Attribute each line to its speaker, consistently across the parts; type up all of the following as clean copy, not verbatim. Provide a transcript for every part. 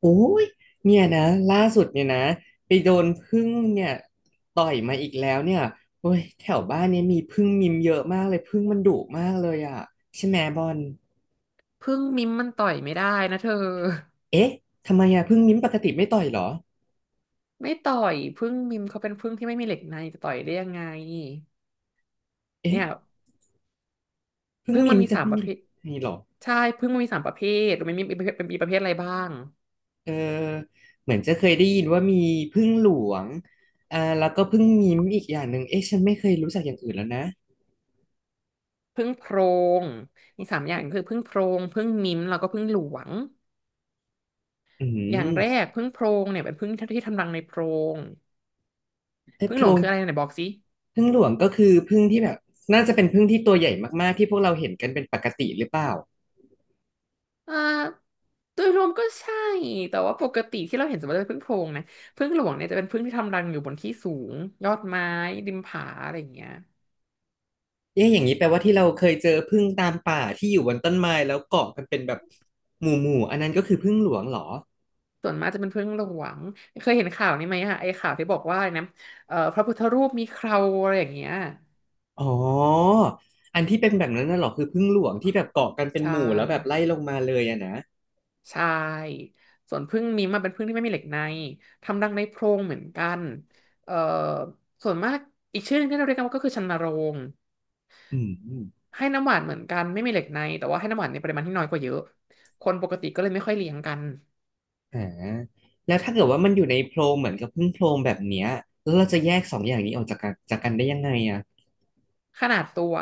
Speaker 1: โอ้ยเนี่ยนะล่าสุดเนี่ยนะไปโดนผึ้งเนี่ยต่อยมาอีกแล้วเนี่ยโอ้ยแถวบ้านเนี่ยมีผึ้งมิมเยอะมากเลยผึ้งมันดุมากเลยอ่ะใช่ไหมบอล
Speaker 2: พึ่งมิมมันต่อยไม่ได้นะเธอ
Speaker 1: เอ๊ะทำไมอ่ะผึ้งมิมปกติไม่ต่อยเหรอ
Speaker 2: ไม่ต่อยพึ่งมิมเขาเป็นพึ่งที่ไม่มีเหล็กในจะต่อยได้ยังไงเนี่
Speaker 1: เอ๊ะ
Speaker 2: ย
Speaker 1: ผึ้ง
Speaker 2: พึ่ง
Speaker 1: มิ
Speaker 2: มัน
Speaker 1: ม
Speaker 2: มี
Speaker 1: จะ
Speaker 2: สาม
Speaker 1: ไม่
Speaker 2: ประ
Speaker 1: มี
Speaker 2: เภท
Speaker 1: มีเหรอ
Speaker 2: ใช่พึ่งมันมีสามประเภทรู้ไหมันมีเป็นมีประเภทอะไรบ้าง
Speaker 1: เออเหมือนจะเคยได้ยินว่ามีผึ้งหลวงแล้วก็ผึ้งมิมอีกอย่างหนึ่งเอ๊ะฉันไม่เคยรู้จักอย่างอื่นแล้วนะ
Speaker 2: พึ่งโพรงมีสามอย่างคือพึ่งโพรงพึ่งมิมแล้วก็พึ่งหลวง
Speaker 1: อื
Speaker 2: อย่างแร
Speaker 1: ม
Speaker 2: กพึ่งโพรงเนี่ยเป็นพึ่งที่ทำรังในโพรง
Speaker 1: ไอ้
Speaker 2: พึ่
Speaker 1: โพ
Speaker 2: งหล
Speaker 1: ร
Speaker 2: วง
Speaker 1: ง
Speaker 2: คืออะไรไหนบอกสิ
Speaker 1: ผึ้งหลวงก็คือผึ้งที่แบบน่าจะเป็นผึ้งที่ตัวใหญ่มากๆที่พวกเราเห็นกันเป็นปกติหรือเปล่า
Speaker 2: อ่าโดยรวมก็ใช่แต่ว่าปกติที่เราเห็นสมมติว่าเป็นผึ้งโพรงนะผึ้งหลวงเนี่ยจะเป็นผึ้งที่ทำรังอยู่บนที่สูงยอดไม้ริมผาอะไรอย่างเงี้ย
Speaker 1: เอ๊ะอย่างนี้แปลว่าที่เราเคยเจอผึ้งตามป่าที่อยู่บนต้นไม้แล้วเกาะกันเป็นแบบหมู่ๆู่อันนั้นก็คือผึ้งหลวงเหรอ
Speaker 2: ส่วนมากจะเป็นผึ้งหลวงเคยเห็นข่าวนี้ไหมอะไอ้ข่าวที่บอกว่าอะไรนะพระพุทธรูปมีเคราอะไรอย่างเงี้ย
Speaker 1: อ๋ออันที่เป็นแบบนั้นน่ะเหรอคือผึ้งหลวงที่แบบเกาะกันเป็น
Speaker 2: ใช่
Speaker 1: หมู่แล้วแบบไล่ลงมาเลยอะนะ
Speaker 2: ใช่ส่วนผึ้งนี้มอะเป็นผึ้งที่ไม่มีเหล็กในทำรังในโพรงเหมือนกันเอ่อส่วนมากอีกชื่อหนึงที่เราเรียกกันว่าก็คือชันนโรง
Speaker 1: อืม
Speaker 2: ให้น้ำหวานเหมือนกันไม่มีเหล็กในแต่ว่าให้น้ำหวานในปริมาณที่น้อยกว่าเยอะคนปกติก็เลยไม่ค่อยเลี้ยงกัน
Speaker 1: อ่าแล้วถ้าเกิดว่ามันอยู่ในโพรงเหมือนกับผึ้งโพรงแบบเนี้ยแล้วเราจะแยกสองอย่างนี้ออกจากกันได้ยังไงอะ
Speaker 2: ขนาดตัว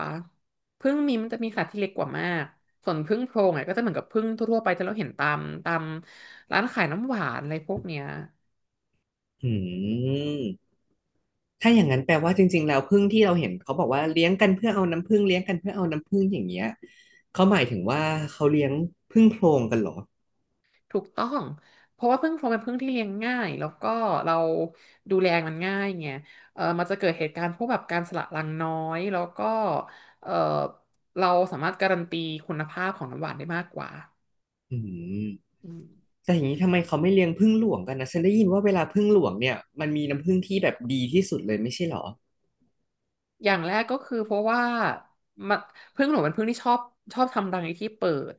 Speaker 2: ผึ้งมีมันจะมีขนาดที่เล็กกว่ามากส่วนผึ้งโพรงอ่ะก็จะเหมือนกับผึ้งทั่วๆไปที่เราเห็นตามร้านขายน้ำหวานอะไรพวกเนี้ย
Speaker 1: อืม ถ้าอย่างนั้นแปลว่าจริงๆแล้วผึ้งที่เราเห็นเขาบอกว่าเลี้ยงกันเพื่อเอาน้ำผึ้งอย่างเงี้ยเขาหมายถึงว่าเขาเลี้ยงผึ้งโพรงกันเหรอ
Speaker 2: ถูกต้องเพราะว่าผึ้งโพรงเป็นผึ้งที่เลี้ยงง่ายแล้วก็เราดูแลมันง่ายไงมันจะเกิดเหตุการณ์พวกแบบการสละรังน้อยแล้วก็เออเราสามารถการันตีคุณภาพของน้ำหวานได้มากกว่า
Speaker 1: อืม
Speaker 2: อืม
Speaker 1: แต่อย่างนี้ทำไมเขาไม่เลี้ยงผึ้งหลวงกันนะฉันได้ยินว่าเวลาผึ้งหลวงเนี่ยมันมีน้ำผึ้งที่แบบดีที่สุดเลยไม่ใช่เหรอ
Speaker 2: อย่างแรกก็คือเพราะว่ามันผึ้งหนูเป็นผึ้งที่ชอบทำรังในที่เปิด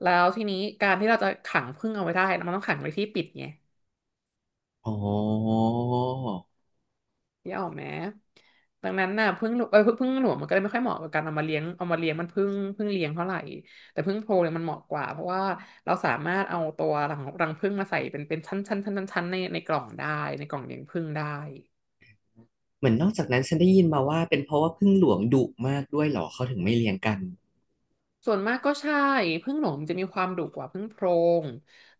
Speaker 2: แล้วทีนี้การที่เราจะขังผึ้งเอาไว้ได้มันต้องขังไว้ที่ปิดไง
Speaker 1: อ๋อ
Speaker 2: นี่ออกไหมดังนั้นน่ะผึ้งหนูผึ้งหลวงมันก็เลยไม่ค่อยเหมาะกับการเอามาเลี้ยงเอามาเลี้ยงมันผึ้งเลี้ยงเท่าไหร่แต่ผึ้งโพรงเนี่ยมันเหมาะกว่าเพราะว่าเราสามารถเอาตัวรังผึ้งมาใส่เป็นชั้นในกล่องได้ในกล่องเลี้ยงผึ้งได้
Speaker 1: เหมือนนอกจากนั้นฉันได้ยินมาว่าเป็นเพราะว่าผึ้งหลวงดุมากด้วยเหรอเขาถึงไม่เลี้ยงกัน
Speaker 2: ส่วนมากก็ใช่ผึ้งหลวงจะมีความดุกว่าผึ้งโพรง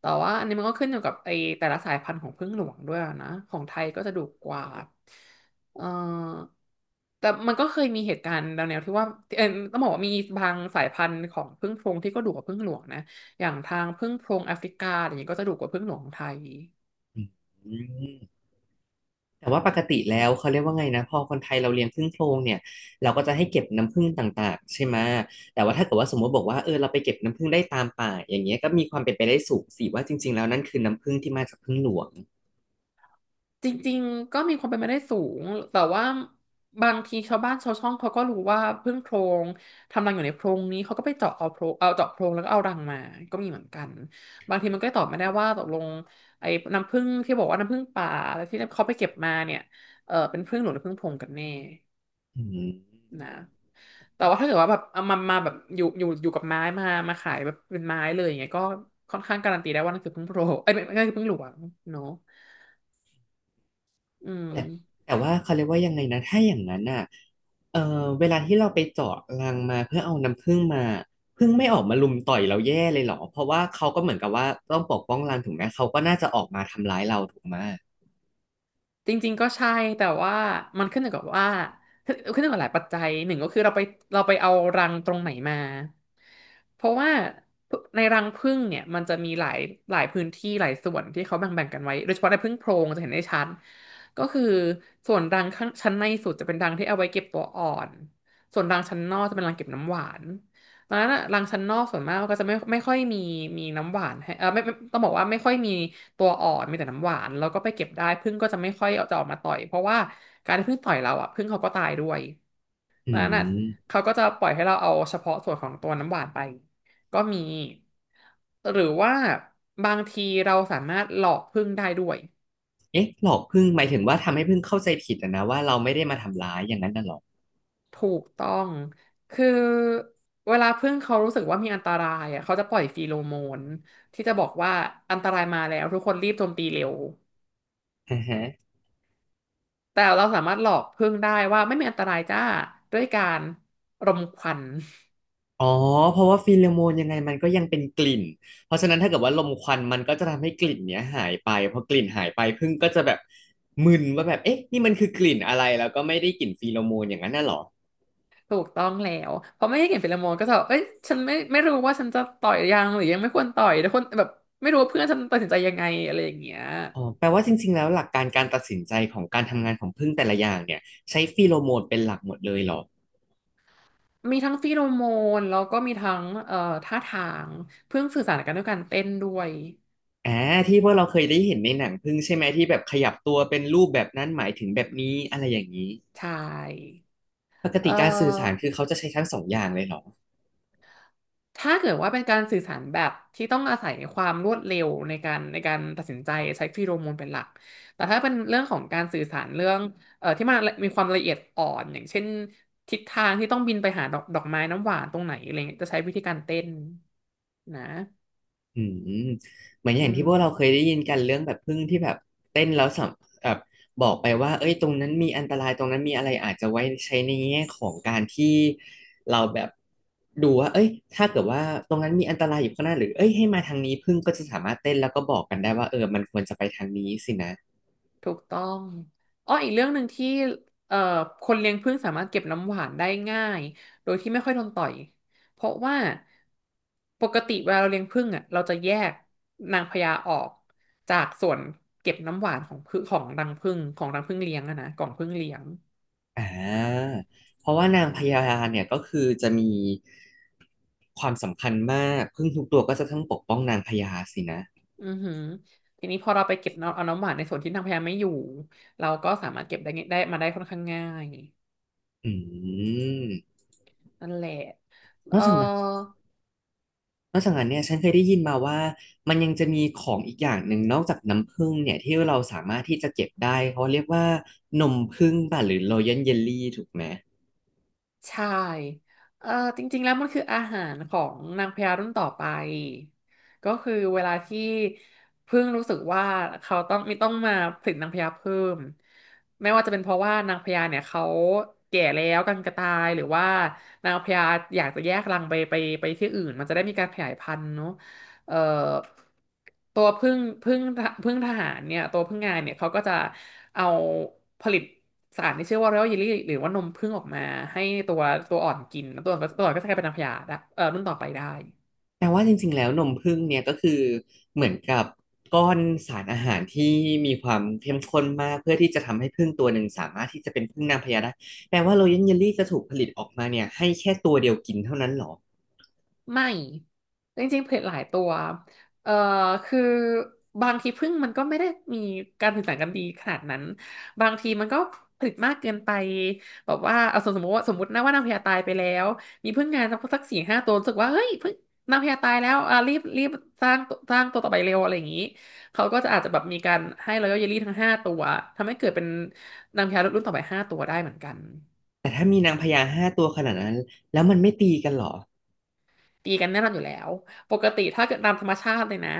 Speaker 2: แต่ว่าอันนี้มันก็ขึ้นอยู่กับไอแต่ละสายพันธุ์ของผึ้งหลวงด้วยนะของไทยก็จะดุกว่าเออแต่มันก็เคยมีเหตุการณ์แนวๆที่ว่าเออต้องบอกว่ามีบางสายพันธุ์ของผึ้งโพรงที่ก็ดุกว่าผึ้งหลวงนะอย่างทางผึ้งโพรงแอฟริกาอย่างนี้ก็จะดุกว่าผึ้งหลวงของไทย
Speaker 1: อืม แต่ว่าปกติแล้วเขาเรียกว่าไงนะพอคนไทยเราเลี้ยงผึ้งโพรงเนี่ยเราก็จะให้เก็บน้ำผึ้งต่างๆใช่ไหมแต่ว่าถ้าเกิดว่าสมมติบอกว่าเออเราไปเก็บน้ำผึ้งได้ตามป่าอย่างเงี้ยก็มีความเป็นไปได้สูงสิว่าจริงๆแล้วนั่นคือน้ำผึ้งที่มาจากผึ้งหลวง
Speaker 2: จริงๆก็มีความเป็นไปได้สูงแต่ว่าบางทีชาวบ้านชาวช่องเขาก็รู้ว่าพึ่งโพรงทำรังอยู่ในโพรงนี้เขาก็ไปเจาะเอาโพรงเอาเจาะโพรงแล้วก็เอารังมาก็มีเหมือนกันบางทีมันก็ตอบไม่ได้ว่าตกลงไอ้น้ำผึ้งที่บอกว่าน้ำผึ้งป่าแล้วที่เขาไปเก็บมาเนี่ยเป็นผึ้งหลวงหรือผึ้งโพรงกันแน่
Speaker 1: อืม
Speaker 2: นะแต่ว่าถ้าเกิดว่าแบบเอามามาแบบอยู่กับไม้มามาขายแบบเป็นไม้เลยอย่างเงี้ยก็ค่อนข้างการันตีได้ว่านั่นคือผึ้งโพรงเอ้ยไม่ใช่ผึ้งหลวงเนาะอืม
Speaker 1: แต่แต่ว่าเขาเรียกว่ายังไงนะถ้าอย่างนั้นอ่ะเออเวลาที่เราไปเจาะรังมาเพื่อเอาน้ำผึ้งมาผึ้งไม่ออกมารุมต่อยเราแย่เลยเหรอเพราะว่าเขาก็เหมือนกับว่าต้องปกป้องรังถูกไหมเขาก็น่าจะออกมาทำร้ายเราถูกไหม
Speaker 2: จริงๆก็ใช่แต่ว่ามันขึ้นอยู่กับว่าขึ้นอยู่กับหลายปัจจัยหนึ่งก็คือเราไปเราไปเอารังตรงไหนมาเพราะว่าในรังผึ้งเนี่ยมันจะมีหลายหลายพื้นที่หลายส่วนที่เขาแบ่งๆกันไว้โดยเฉพาะในผึ้งโพรงจะเห็นได้ชัดก็คือส่วนรังข้างชั้นในสุดจะเป็นรังที่เอาไว้เก็บตัวอ่อนส่วนรังชั้นนอกจะเป็นรังเก็บน้ำหวาน ร้านอะร้านชั้นนอกส่วนมากก็จะไม่ค่อยมีมีน้ำหวานให้ไม่ต้องบอกว่าไม่ค่อยมีตัวอ่อนมีแต่น้ำหวานแล้วก็ไปเก็บได้ผึ้งก็จะไม่ค่อยเอาจะออกมาต่อยเพราะว่าการที่ผึ้งต่อยเราอะผึ้งเขาก็ตายด้วย
Speaker 1: อื
Speaker 2: ร้านอะ
Speaker 1: ม
Speaker 2: เขาก็จะปล่อยให้เราเอาเฉพาะส่วนของตัวน้ำหวานไปก็มีหรือว่าบางทีเราสามารถหลอกผึ้งได้ด้วย
Speaker 1: เอ๊ะหลอกผึ้งหมายถึงว่าทำให้ผึ้งเข้าใจผิดอะนะว่าเราไม่ได้มาทำร้ายอย่างนั้นน่ะหรอ
Speaker 2: ถูกต้อง คือเวลาพึ่งเขารู้สึกว่ามีอันตรายอ่ะเขาจะปล่อยฟีโรโมนที่จะบอกว่าอันตรายมาแล้วทุกคนรีบโจมตีเร็ว
Speaker 1: อ่าฮะ
Speaker 2: แต่เราสามารถหลอกพึ่งได้ว่าไม่มีอันตรายจ้าด้วยการรมควัน
Speaker 1: อ๋อเพราะว่าฟีโรโมนยังไงมันก็ยังเป็นกลิ่นเพราะฉะนั้นถ้าเกิดว่าลมควันมันก็จะทำให้กลิ่นเนี้ยหายไปพอกลิ่นหายไปผึ้งก็จะแบบมึนว่าแบบเอ๊ะนี่มันคือกลิ่นอะไรแล้วก็ไม่ได้กลิ่นฟีโรโมนอย่างนั้นน่ะหรอ
Speaker 2: ถูกต้องแล้วพอไม่ให้เห็นฟีโรโมนก็จะแบบเอ้ยฉันไม่รู้ว่าฉันจะต่อยยังหรือยังไม่ควรต่อยทุกคนแบบไม่รู้ว่าเพื่อนฉันตัดสินใจยังไงอะไรอย่างเงี้ย
Speaker 1: อ๋อแปลว่าจริงๆแล้วหลักการการตัดสินใจของการทำงานของผึ้งแต่ละอย่างเนี่ยใช้ฟีโรโมนเป็นหลักหมดเลยเหรอ
Speaker 2: มีทั้งฟีโรโมนแล้วก็มีทั้งท่าทางเพิ่งสื่อสารกันด้วยการเต้นด้วย
Speaker 1: อ่าที่พวกเราเคยได้เห็นในหนังผึ้งใช่ไหมที่แบบขยับตัวเป็นรูปแบบนั้นหมายถึงแบบนี้อะไรอย่างนี้
Speaker 2: ใช่
Speaker 1: ปก
Speaker 2: เอ่
Speaker 1: ติการสื่อสาร
Speaker 2: อ
Speaker 1: คือเขาจะใช้ทั้งสองอย่างเลยเหรอ
Speaker 2: ถ้าเกิดว่าเป็นการสื่อสารแบบที่ต้องอาศัยความรวดเร็วในการตัดสินใจใช้ฟีโรโมนเป็นหลัก แต่ถ้าเป็นเรื่องของการสื่อสารเรื่องที่มันมีความละเอียดอ่อนอย่างเช่นทิศทางที่ต้องบินไปหาดอกไม้น้ำหวานตรงไหนอะไรเงี้ยจะใช้วิธีการเต้นนะ
Speaker 1: อืมเหมือนอย่า
Speaker 2: อื
Speaker 1: งที่
Speaker 2: ม
Speaker 1: พวกเราเคยได้ยินกันเรื่องแบบพึ่งที่แบบเต้นแล้วสัมแบบบอกไปว่าเอ้ยตรงนั้นมีอันตรายตรงนั้นมีอะไรอาจจะไว้ใช้ในแง่ของการที่เราแบบดูว่าเอ้ยถ้าเกิดว่าตรงนั้นมีอันตรายอยู่ข้างหน้าหรือเอ้ยให้มาทางนี้พึ่งก็จะสามารถเต้นแล้วก็บอกกันได้ว่าเออมันควรจะไปทางนี้สินะ
Speaker 2: ถูกต้องอ้ออีกเรื่องหนึ่งที่เอ่อคนเลี้ยงผึ้งสามารถเก็บน้ำหวานได้ง่ายโดยที่ไม่ค่อยโดนต่อยเพราะว่า ปกติเวลาเราเลี้ยงผึ้งอ่ะเราจะแยกนางพญาออกจากส่วนเก็บน้ำหวานของผึ้งของรังผึ้งเลี้ยงอะนะกล่องผึ้งเลี้ยง
Speaker 1: อ่าเพราะว่า
Speaker 2: อื
Speaker 1: นา
Speaker 2: อ
Speaker 1: งพ
Speaker 2: หือ
Speaker 1: ญาเนี่ยก็คือจะมีความสำคัญมากพึ่งทุกตัวก็จะต้องปกป้องนางพญาสินะ
Speaker 2: อือหือทีนี้พอเราไปเก็บน้ำเอาน้ำหวานในส่วนที่นางพญาไม่อยู่เราก็สามารถเก็บได้าได้มาได้ค่อนข้างง่าย
Speaker 1: อืม
Speaker 2: นั่นแหละ
Speaker 1: น
Speaker 2: เอ
Speaker 1: อกจากนั้น
Speaker 2: อ
Speaker 1: นอกจากนั้นเนี่ยฉันเคยได้ยินมาว่ามันยังจะมีของอีกอย่างหนึ่งนอกจากน้ำผึ้งเนี่ยที่เราสามารถที่จะเก็บได้เขาเรียกว่านมผึ้งป่ะหรือ Royal Jelly ถูกไหม
Speaker 2: ใช่เอ่อจริงๆแล้วมันคืออาหารของนางพญารุ่นต่อไปก็คือเวลาที่เพึ่งรู้สึกว่าเขาต้องมาผลิตนางพญาเพิ่ม ไม่ว่าจะเป็นเพราะว่านางพญาเนี่ยเขาแก่แล้วกันกระตายหรือว่านางพญาอยากจะแยกรังไปที่อื่นมันจะได้มีการขยายพันธุ์เนาะเอ่อตัวพึ่งทหารเนี่ยตัวพึ่งงานเนี่ยเขาก็จะ เอาผลิตสารที่ชื่อว่า Royal Jelly หรือว่านมผึ้งออกมาให้ตัวตัวอ่อนกินแล้วตัวอ่อนก็จะกลายเป็นนางพญาได้รุ่นต่อไปได้
Speaker 1: แต่ว่าจริงๆแล้วนมผึ้งเนี่ยก็คือเหมือนกับก้อนสารอาหารที่มีความเข้มข้นมากเพื่อที่จะทำให้ผึ้งตัวหนึ่งสามารถที่จะเป็นผึ้งนางพญาได้แปลว่าโรยัลเยลลี่จะถูกผลิตออกมาเนี่ยให้แค่ตัวเดียวกินเท่านั้นเหรอ
Speaker 2: ไม่จริงๆเล็ดหลายตัวเอ่อคือบางทีพึ่งมันก็ไม่ได้มีการสื่อสารกันดีขนาดนั้นบางทีมันก็ผลิตมากเกินไปแบบว่าเอาสมมตินะว่านางพญาตายไปแล้วมีพึ่งงานสักสี่ห้าตัวรู้สึกว่าเฮ้ยพึ่งนางพญาตายแล้วอ่ะรีบสร้างตัวต่อไปเร็วอะไรอย่างนี้เขาก็จะอาจจะแบบมีการให้รอยัลเยลลี่ทั้งห้าตัวทำให้เกิดเป็นนางพญารุ่นต่อไปห้าตัวได้เหมือนกัน
Speaker 1: แต่ถ้ามีนางพญา5ตัวขนาดนั้นแล้วมันไม่ตีกันเหรอ
Speaker 2: ตีกันแน่นอนอยู่แล้วปกติถ้าเกิดตามธรรมชาติเลยนะ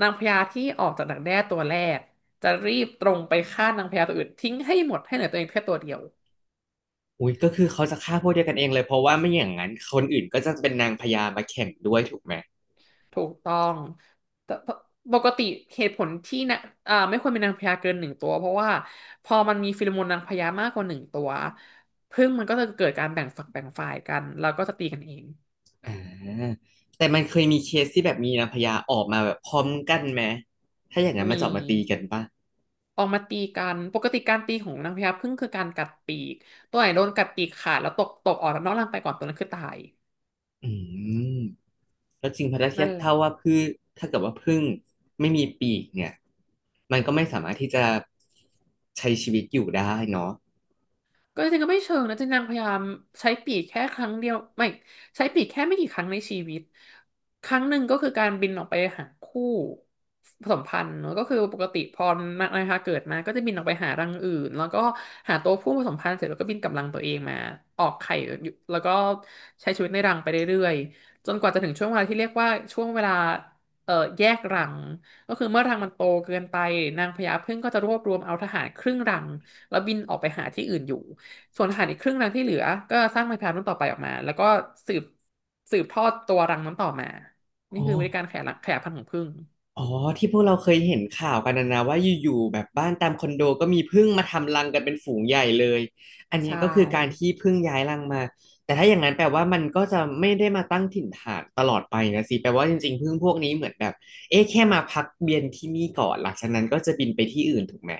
Speaker 2: นางพญาที่ออกจากดักแด้ตัวแรกจะรีบตรงไปฆ่านางพญาตัวอื่นทิ้งให้หมดให้เหลือตัวเองแค่ตัวเดียว
Speaker 1: อุ้ยก็คือเขาจะฆ่าพวกเดียวกันเองเลยเพราะว่าไม่อย่างนั้นคนอื่นก็จะเป็นนางพญามาแข่งด้วยถูกไหม
Speaker 2: ถูกต้องแต่ปกติเหตุผลที่นะไม่ควรเป็นนางพญาเกินหนึ่งตัวเพราะว่าพอมันมีฟีโรโมนนางพญามากกว่าหนึ่งตัวผึ้งมันก็จะเกิดการแบ่งฝักแบ่งฝ่ายกันแล้วก็จะตีกันเอง
Speaker 1: อ่าแต่มันเคยมีเคสที่แบบมีนางพญาออกมาแบบพร้อมกันไหมถ้าอย่างนั้นมา
Speaker 2: มี
Speaker 1: จอบมาตีกันป่ะ
Speaker 2: ออกมาตีกันปกติการตีของนางพญาผึ้งคือการกัดปีก ตัวไหนโดนกัดปีกขาดแล้วตกออกนอกร่างไปก่อนตัวนั้นคือตาย
Speaker 1: อืมก็จริงเพราะถ้าเทีย
Speaker 2: นั่
Speaker 1: บ
Speaker 2: นแหละ
Speaker 1: เท่าว่าพืชถ้าเกิดว่าผึ้งไม่มีปีกเนี่ยมันก็ไม่สามารถที่จะใช้ชีวิตอยู่ได้เนาะ
Speaker 2: ก็จริงๆก็ไม่เชิงนะจริงนางพยายามใช้ปีกแค่ครั้งเดียวไม่ใช้ปีกแค่ไม่กี่ครั้งในชีวิตครั้งหนึ่งก็คือการบินออกไปหาคู่ผสมพันธุ์เนอะก็คือปกติพอนะคะเกิดมาก็จะบินออกไปหารังอื่นแล้วก็หาตัวผู้ผสมพันธุ์เสร็จแล้วก็บินกลับรังตัวเองมาออกไข่อยู่แล้วก็ใช้ชีวิตในรังไปเรื่อยๆจนกว่าจะถึงช่วงเวลาที่เรียกว่าช่วงเวลาแยกรังก็คือเมื่อรังมันโตเกินไปนางพญาผึ้งก็จะรวบรวมเอาทหารครึ่งรังแล้วบินออกไปหาที่อื่นอยู่ ส่วนทหารอีกครึ่งหนึ่งที่เหลือก็สร้างไม้พายรุ่นต่อไปออกมาแล้วก็สืบสืบทอดตัวรังนั้นต่อมา
Speaker 1: อ๋
Speaker 2: นี่
Speaker 1: อ
Speaker 2: คือวิธีการขยายรังขยายพันธุ์ของผึ้ง
Speaker 1: อ๋อที่พวกเราเคยเห็นข่าวกันนะนะว่าอยู่ๆแบบบ้านตามคอนโดก็มีผึ้งมาทำรังกันเป็นฝูงใหญ่เลยอันเนี้ย
Speaker 2: ใช่
Speaker 1: ก็คือการที่ผึ้งย้ายรังมาแต่ถ้าอย่างนั้นแปลว่ามันก็จะไม่ได้มาตั้งถิ่นฐานตลอดไปนะสิแปลว่าจริงๆผึ้งพวกนี้เหมือนแบบเอ๊ะแค่มาพักเวียนที่นี่ก่อนหลังจากนั้นก็จะบินไปที่อื่นถูกไหม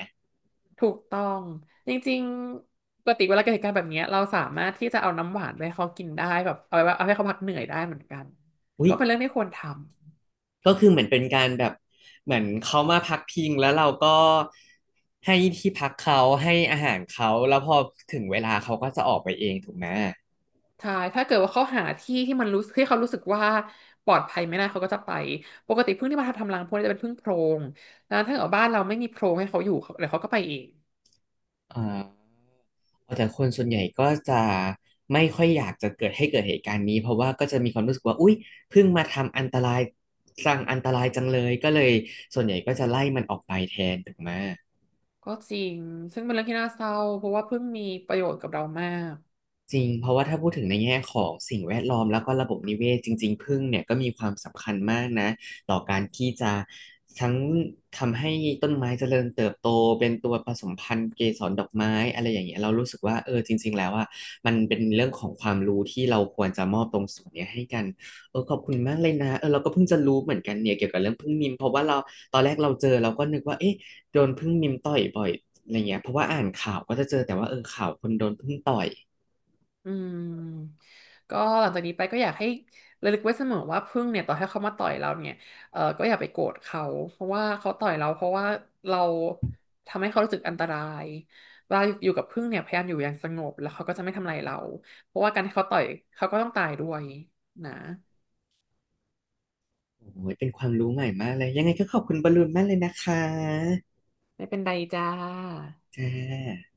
Speaker 2: ถูกต้อง จริงๆปกติเวลาเกิดเหตุการณ์แบบเนี้ยเราสามารถที่จะเอาน้ำหวานไปให้เขากินได้แบบเอาไว้เอาให้เขาพักเหนื่อยได้เหมือนกัน
Speaker 1: อุ้ย
Speaker 2: ก็เป็นเรื่องที่ควรทำ
Speaker 1: ก็คือเหมือนเป็นการแบบเหมือนเขามาพักพิงแล้วเราก็ให้ที่พักเขาให้อาหารเขาแล้วพอถึงเวลาเขาก็จะออกไปเองถูกไหม
Speaker 2: ใช่ถ้าเกิดว่าเขาหาที่ที่มันรู้ที่เขารู้สึกว่าปลอดภัยไม่ได้เขาก็จะไปปกติผึ้งที่มาทำรังพวกนี้จะเป็นผึ้งโพรงแล้วถ้าเกิดว่าบ้านเราไม่มีโพรงให้เขาอยู่เขาเดี๋ยวเขาก็ไปเอง
Speaker 1: อ่าแต่คนส่วนใหญ่ก็จะไม่ค่อยอยากจะเกิดให้เกิดเหตุการณ์นี้เพราะว่าก็จะมีความรู้สึกว่าอุ๊ยเพิ่งมาทำอันตรายสร้างอันตรายจังเลยก็เลยส่วนใหญ่ก็จะไล่มันออกไปแทนถูกไหม
Speaker 2: ก็จริง ซึ่งเป็นเรื่องที่น่าเศร้าเพราะว่าเพิ่งมีประโยชน์กับเรามาก
Speaker 1: จริงเพราะว่าถ้าพูดถึงในแง่ของสิ่งแวดล้อมแล้วก็ระบบนิเวศจริงๆผึ้งเนี่ยก็มีความสำคัญมากนะต่อการที่จะทั้งทำให้ต้นไม้เจริญเติบโตเป็นตัวผสมพันธุ์เกสรดอกไม้อะไรอย่างเงี้ยเรารู้สึกว่าเออจริงๆแล้วอ่ะมันเป็นเรื่องของความรู้ที่เราควรจะมอบตรงส่วนเนี้ยให้กันเออขอบคุณมากเลยนะเออเราก็เพิ่งจะรู้เหมือนกันเนี่ยเกี่ยวกับเรื่องผึ้งนิมเพราะว่าเราตอนแรกเราเจอเราก็นึกว่าเอ๊ะโดนผึ้งนิมต่อยบ่อยอะไรเงี้ยเพราะว่าอ่านข่าวก็จะเจอแต่ว่าเออข่าวคนโดนผึ้งต่อย
Speaker 2: อืมก็หลังจากนี้ไปก็อยากให้ระลึกไว้เสมอว่าพึ่งเนี่ยต่อให้เขามาต่อยเราเนี่ยเออก็อย่าไปโกรธเขาเพราะว่าเขาต่อยเราเพราะว่าเราทำให้เขารู้สึกอันตรายเวลาอยู่กับพึ่งเนี่ยพยายามอยู่อย่างสงบแล้วเขาก็จะไม่ทำอะไรเราเพราะว่าการที่เขาต่อยเขาก็ต้องตายด้วยนะ
Speaker 1: โอ้ย เป็นความรู้ใหม่มากเลย ยังไงก็ขอบคุณบอลลูนมากเลยนะคะ
Speaker 2: ไม่เป็นไรจ้า
Speaker 1: จ้า